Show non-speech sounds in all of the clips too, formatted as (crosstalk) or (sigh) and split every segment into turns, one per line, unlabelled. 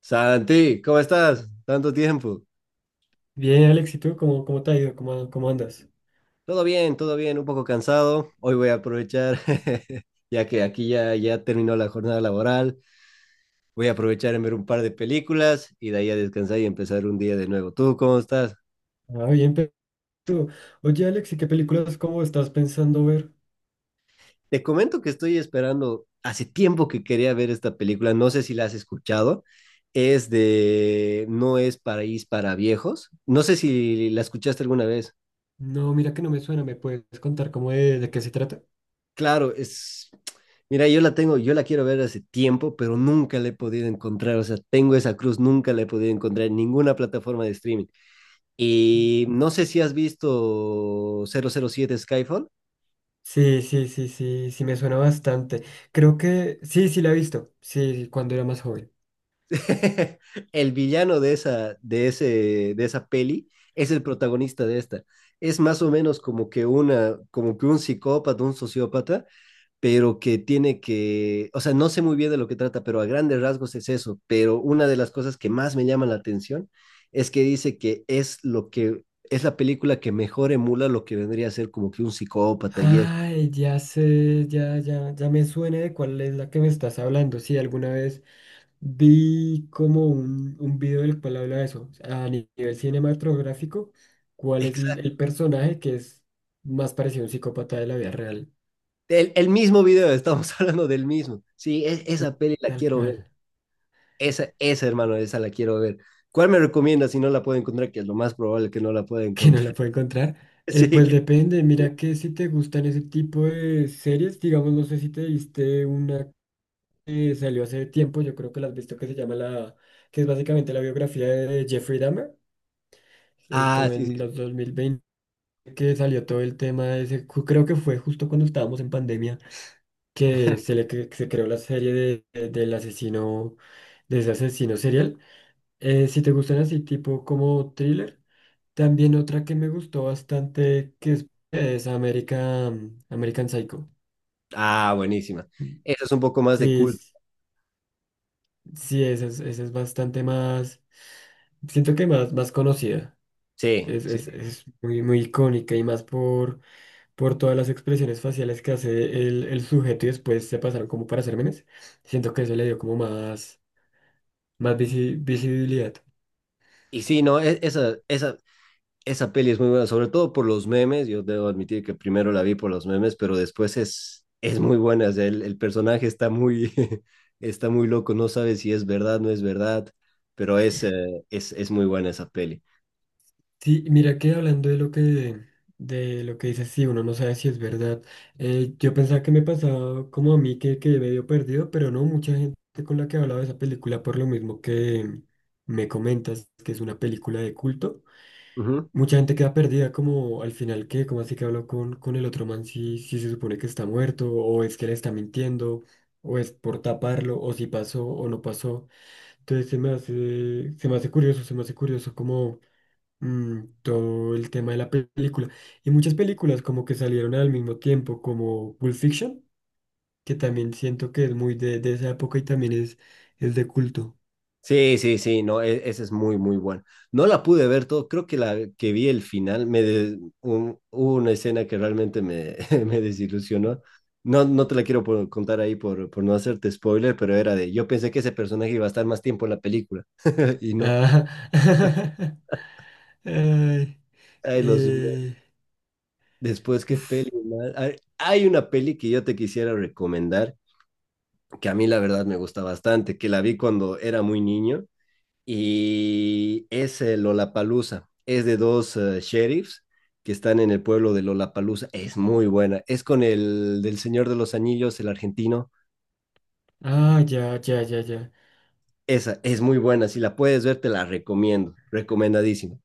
Santi, ¿cómo estás? Tanto tiempo.
Bien, Alex, ¿y tú cómo te ha ido? ¿Cómo andas?
Todo bien, un poco cansado. Hoy voy a aprovechar, (laughs) ya que aquí ya terminó la jornada laboral, voy a aprovechar en ver un par de películas y de ahí a descansar y empezar un día de nuevo. ¿Tú cómo estás?
Ah, bien, pero tú. Oye, Alex, ¿y qué películas cómo estás pensando ver?
Te comento que estoy esperando, hace tiempo que quería ver esta película, no sé si la has escuchado. Es de No es Paraíso para Viejos. No sé si la escuchaste alguna vez.
No, mira que no me suena, ¿me puedes contar cómo de qué se trata?
Claro, es. Mira, yo la tengo, yo la quiero ver hace tiempo, pero nunca la he podido encontrar. O sea, tengo esa cruz, nunca la he podido encontrar en ninguna plataforma de streaming. Y no sé si has visto 007 Skyfall.
Sí, sí, sí, sí, sí, me suena bastante. Creo que sí, sí la he visto, sí, cuando era más joven.
(laughs) El villano de esa, de esa peli es el protagonista de esta. Es más o menos como que una, como que un psicópata, un sociópata, pero que tiene que, o sea, no sé muy bien de lo que trata, pero a grandes rasgos es eso, pero una de las cosas que más me llama la atención es que dice que es lo que es la película que mejor emula lo que vendría a ser como que un psicópata y eso.
Ay, ya sé, ya, ya, ya me suena de cuál es la que me estás hablando. Sí, alguna vez. Vi como un video del cual habla de eso, a nivel cinematográfico, cuál es el,
Exacto.
el personaje que es más parecido a un psicópata de la vida real.
El mismo video, estamos (laughs) hablando del mismo. Sí,
Y
esa peli la
tal
quiero
cual,
ver. Esa, hermano, esa la quiero ver. ¿Cuál me recomienda si no la puedo encontrar? Que es lo más probable que no la pueda
(laughs) que no
encontrar.
la puedo encontrar.
(laughs)
Eh,
Sí.
pues depende, mira que si te gustan ese tipo de series, digamos, no sé si te viste una que salió hace tiempo, yo creo que la has visto, que se llama la, que es básicamente la biografía de Jeffrey Dahmer,
Ah,
como
sí,
en
sí,
los
sí.
2020 que salió todo el tema de ese, creo que fue justo cuando estábamos en pandemia. Que se creó la serie de, del asesino, de ese asesino serial. Si te gustan así, tipo como thriller. También otra que me gustó bastante, que es American Psycho.
Ah, buenísima. Esa es un poco más de
Sí,
cool.
sí, esa es bastante más, siento que más conocida.
Sí,
Es,
sí.
es, es muy, muy icónica y más por todas las expresiones faciales que hace el sujeto y después se pasaron como para hacer memes. Siento que eso le dio como más visibilidad.
Y sí, no, esa, esa, esa peli es muy buena, sobre todo por los memes. Yo debo admitir que primero la vi por los memes, pero después es muy buena. O sea, el personaje está muy, (laughs) está muy loco, no sabe si es verdad, no es verdad, pero es muy buena esa peli.
Sí, mira que hablando de lo que dices, sí, uno no sabe si es verdad. Yo pensaba que me pasaba como a mí que quedé medio perdido, pero no, mucha gente con la que he hablado de esa película, por lo mismo que me comentas que es una película de culto,
Ujú.
mucha gente queda perdida como al final qué cómo así que habló con el otro man si, si se supone que está muerto, o es que le está mintiendo, o es por taparlo, o si pasó o no pasó. Entonces se me hace curioso como todo el tema de la película. Y muchas películas como que salieron al mismo tiempo, como Pulp Fiction, que también siento que es muy de esa época y también es de culto.
Sí, sí, sí, no, esa es muy, muy buena. No la pude ver todo, creo que la que vi el final, me hubo una escena que realmente me, (laughs) me desilusionó. No, no te la quiero contar ahí por no hacerte spoiler, pero era de, yo pensé que ese personaje iba a estar más tiempo en la película (laughs) y no.
Ah, (laughs) ay,
Ay, los,
eh,
después, qué
uf.
peli, man. Hay una peli que yo te quisiera recomendar, que a mí la verdad me gusta bastante, que la vi cuando era muy niño y es el Lollapalooza. Es de dos sheriffs que están en el pueblo de Lollapalooza. Es muy buena. Es con el del Señor de los Anillos, el argentino.
Ah, ya, ya, ya, ya.
Esa es muy buena. Si la puedes ver, te la recomiendo. Recomendadísimo.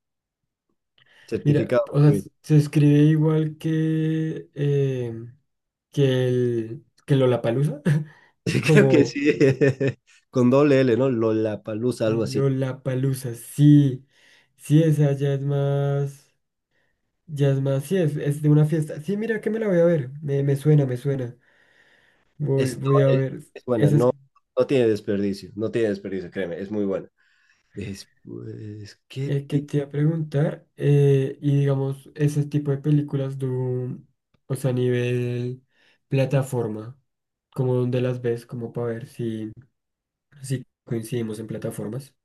Mira,
Certificado
o
por
sea,
mí.
se escribe igual que el que Lollapalooza, (laughs)
(laughs) Creo que
como
sí. (laughs) Con doble L, ¿no? Lollapalooza, algo así.
Lollapalooza, sí, sí, esa ya es más. Ya es más, sí, es de una fiesta. Sí, mira que me la voy a ver. Me suena. Voy,
Esto
voy a
es,
ver.
es buena.
Esa es,
No, no tiene desperdicio. No tiene desperdicio, créeme. Es muy buena. Después, ¿qué...
que te iba a preguntar. Y digamos, ese tipo de películas, o sea, a nivel plataforma, como donde las ves, como para ver si, si coincidimos en plataformas.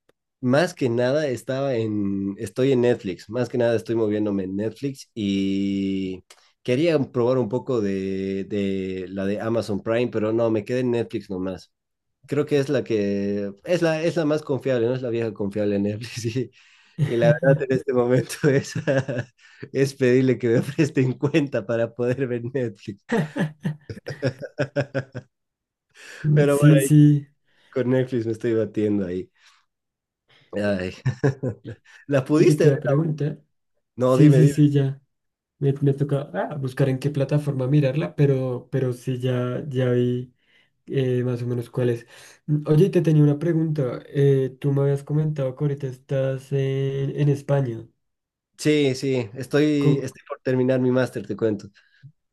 Más que nada estoy en Netflix, más que nada estoy moviéndome en Netflix y quería probar un poco de la de Amazon Prime, pero no, me quedé en Netflix nomás. Creo que es la que, es la más confiable, ¿no? Es la vieja confiable en Netflix (laughs) y la verdad
(laughs)
en este momento es, (laughs) es pedirle que me presten cuenta para poder ver Netflix. (laughs) Pero bueno,
Sí, sí.
con Netflix me estoy batiendo ahí. Ay. (laughs) ¿La
¿Y que
pudiste
te
ver?
iba a preguntar?
No,
Sí,
dime,
sí,
dime.
sí, ya. Me toca buscar en qué plataforma mirarla, pero sí, ya, ya vi. Más o menos cuáles. Oye, y te tenía una pregunta. Tú me habías comentado que ahorita estás en España.
Sí, sí, estoy,
Co-
estoy por terminar mi máster, te cuento.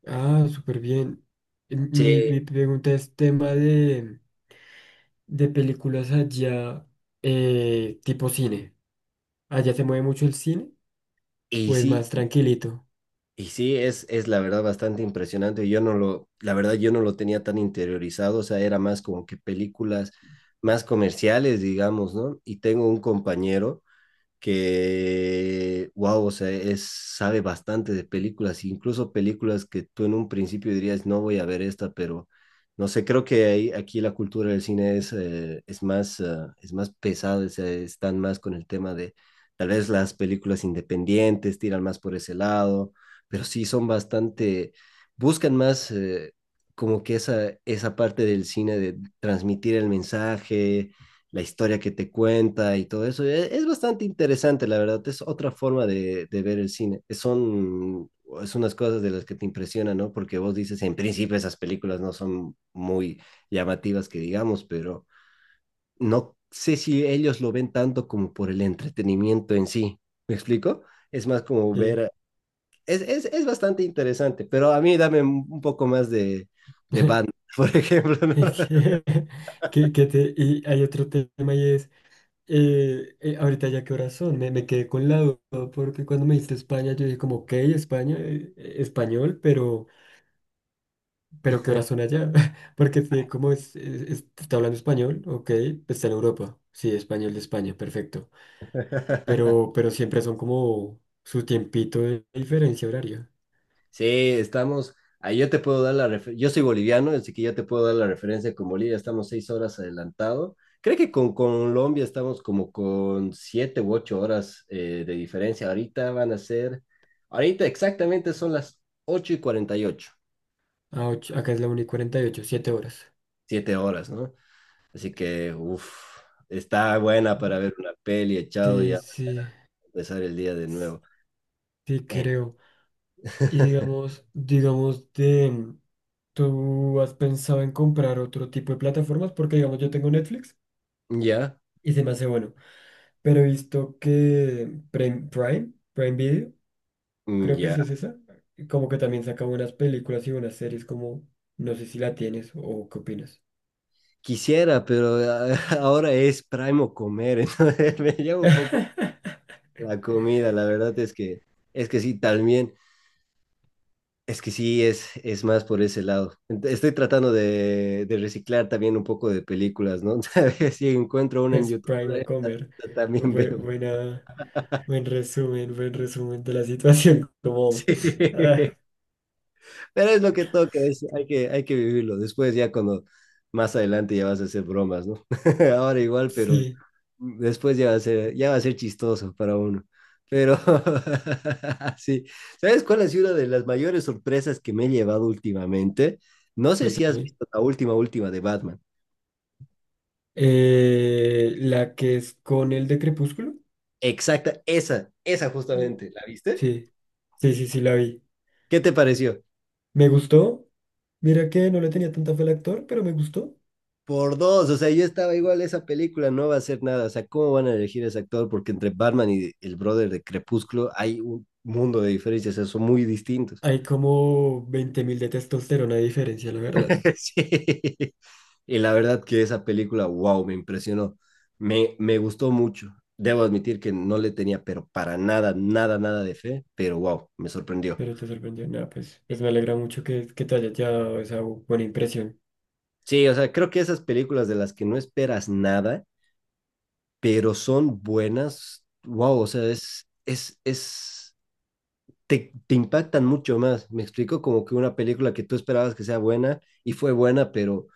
Súper bien. Eh, Mi,
Sí,
mi pregunta es tema de películas allá, tipo cine. ¿Allá se mueve mucho el cine
y
o es
sí,
más tranquilito?
y sí, es la verdad bastante impresionante. Yo no lo, la verdad, yo no lo tenía tan interiorizado, o sea, era más como que películas más comerciales, digamos, ¿no? Y tengo un compañero que, wow, o sea, es, sabe bastante de películas, incluso películas que tú en un principio dirías, no voy a ver esta, pero no sé, creo que ahí, aquí la cultura del cine es más pesada, o sea, están más con el tema de, tal vez las películas independientes tiran más por ese lado, pero sí son bastante, buscan más... como que esa parte del cine de transmitir el mensaje, la historia que te cuenta y todo eso. Es bastante interesante, la verdad. Es otra forma de ver el cine. Son es unas cosas de las que te impresionan, ¿no? Porque vos dices, en principio esas películas no son muy llamativas que digamos, pero no sé si ellos lo ven tanto como por el entretenimiento en sí. ¿Me explico? Es más como
Eh,
ver... es bastante interesante, pero a mí dame un poco más de Batman,
(laughs)
(laughs) por ejemplo, ¿no?
es que (laughs) y hay otro tema y es. Ahorita ya qué horas son, me quedé con la duda porque cuando me dijiste España yo dije como, ok, España, español, pero ¿qué horas son allá? (laughs) Porque sí, como está hablando español, ok, pues está en Europa, sí, español de España, perfecto,
(laughs)
pero siempre son como su tiempito de diferencia horaria.
Sí, estamos. Ahí yo te puedo dar la referencia. Yo soy boliviano, así que ya te puedo dar la referencia con Bolivia. Estamos 6 horas adelantado. Creo que con Colombia estamos como con 7 u 8 horas de diferencia. Ahorita van a ser. Ahorita exactamente son las 8:48.
Ah, acá es la 1 y cuarenta y ocho siete horas.
7 horas, ¿no? Así que, uff, está buena para ver una peli echado
Sí,
ya
sí,
empezar el día de nuevo.
sí
Eh,
creo. Y
(laughs)
digamos ¿tú has pensado en comprar otro tipo de plataformas? Porque, digamos, yo tengo Netflix
Ya,
y se me hace bueno. Pero he visto que Prime Video, creo que
ya.
sí es esa, como que también saca buenas películas y buenas series, como no sé si la tienes o qué opinas.
Quisiera, pero (laughs) ahora es primo comer, (laughs) entonces me llevo un poco
(laughs)
la comida, la verdad es que sí, también, es que sí, es más por ese lado. Estoy tratando de reciclar también un poco de películas, ¿no? (laughs) Si encuentro una en
Es
YouTube, (laughs)
Prime o Comer. Bu-
también veo. (laughs)
Buena, buen resumen de la situación. (laughs) Como, vamos. Ah,
Sí. Pero es lo que toca, hay que vivirlo. Después ya cuando más adelante ya vas a hacer bromas, ¿no? (laughs) Ahora igual, pero
sí,
después ya va a ser, ya va a ser chistoso para uno. Pero (laughs) sí, ¿sabes cuál ha sido una de las mayores sorpresas que me he llevado últimamente? No sé si has
cuéntame.
visto la última, última de Batman.
La que es con el de Crepúsculo.
Exacta, esa justamente, ¿la viste?
Sí, sí, sí, sí, la vi.
¿Qué te pareció?
Me gustó. Mira que no le tenía tanta fe al actor, pero me gustó.
Por dos, o sea, yo estaba igual, esa película no va a hacer nada, o sea, ¿cómo van a elegir a ese actor? Porque entre Batman y el brother de Crepúsculo hay un mundo de diferencias, o sea, son muy distintos.
Hay como 20.000 de testosterona de diferencia, la verdad.
(laughs) Sí. Y la verdad que esa película, wow, me impresionó, me gustó mucho. Debo admitir que no le tenía, pero para nada, nada, nada de fe, pero wow, me sorprendió.
Pero te sorprendió. Nada, pues me alegra mucho que te haya dado esa buena impresión.
Sí, o sea, creo que esas películas de las que no esperas nada, pero son buenas, wow, o sea, es te, te impactan mucho más. Me explico como que una película que tú esperabas que sea buena y fue buena, pero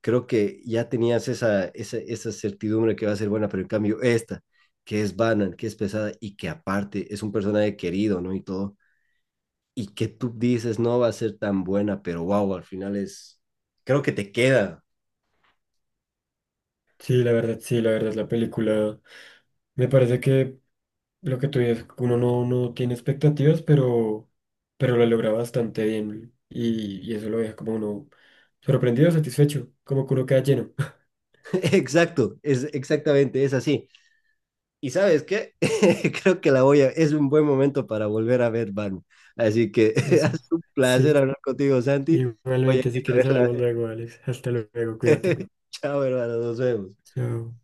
creo que ya tenías esa, esa, esa certidumbre que va a ser buena, pero en cambio esta, que es banal, que es pesada y que aparte es un personaje querido, ¿no? Y todo, y que tú dices no va a ser tan buena, pero wow, al final es, creo que te queda.
Sí, la verdad, la película. Me parece que lo que tú dices, uno no tiene expectativas, pero lo logra bastante bien. Y eso lo deja como uno sorprendido, satisfecho, como que uno queda lleno. (laughs)
(laughs) Exacto, es exactamente, es así. Y sabes qué, (laughs) creo que la voy a, es un buen momento para volver a ver Batman. Así que (laughs) ha
Eso.
sido un placer
Sí.
hablar contigo, Santi. Voy a ir
Igualmente, si
a
quieres
verla.
hablamos luego, Alex. Hasta luego, cuídate.
(laughs) Chao, hermano, nos vemos.
Chao.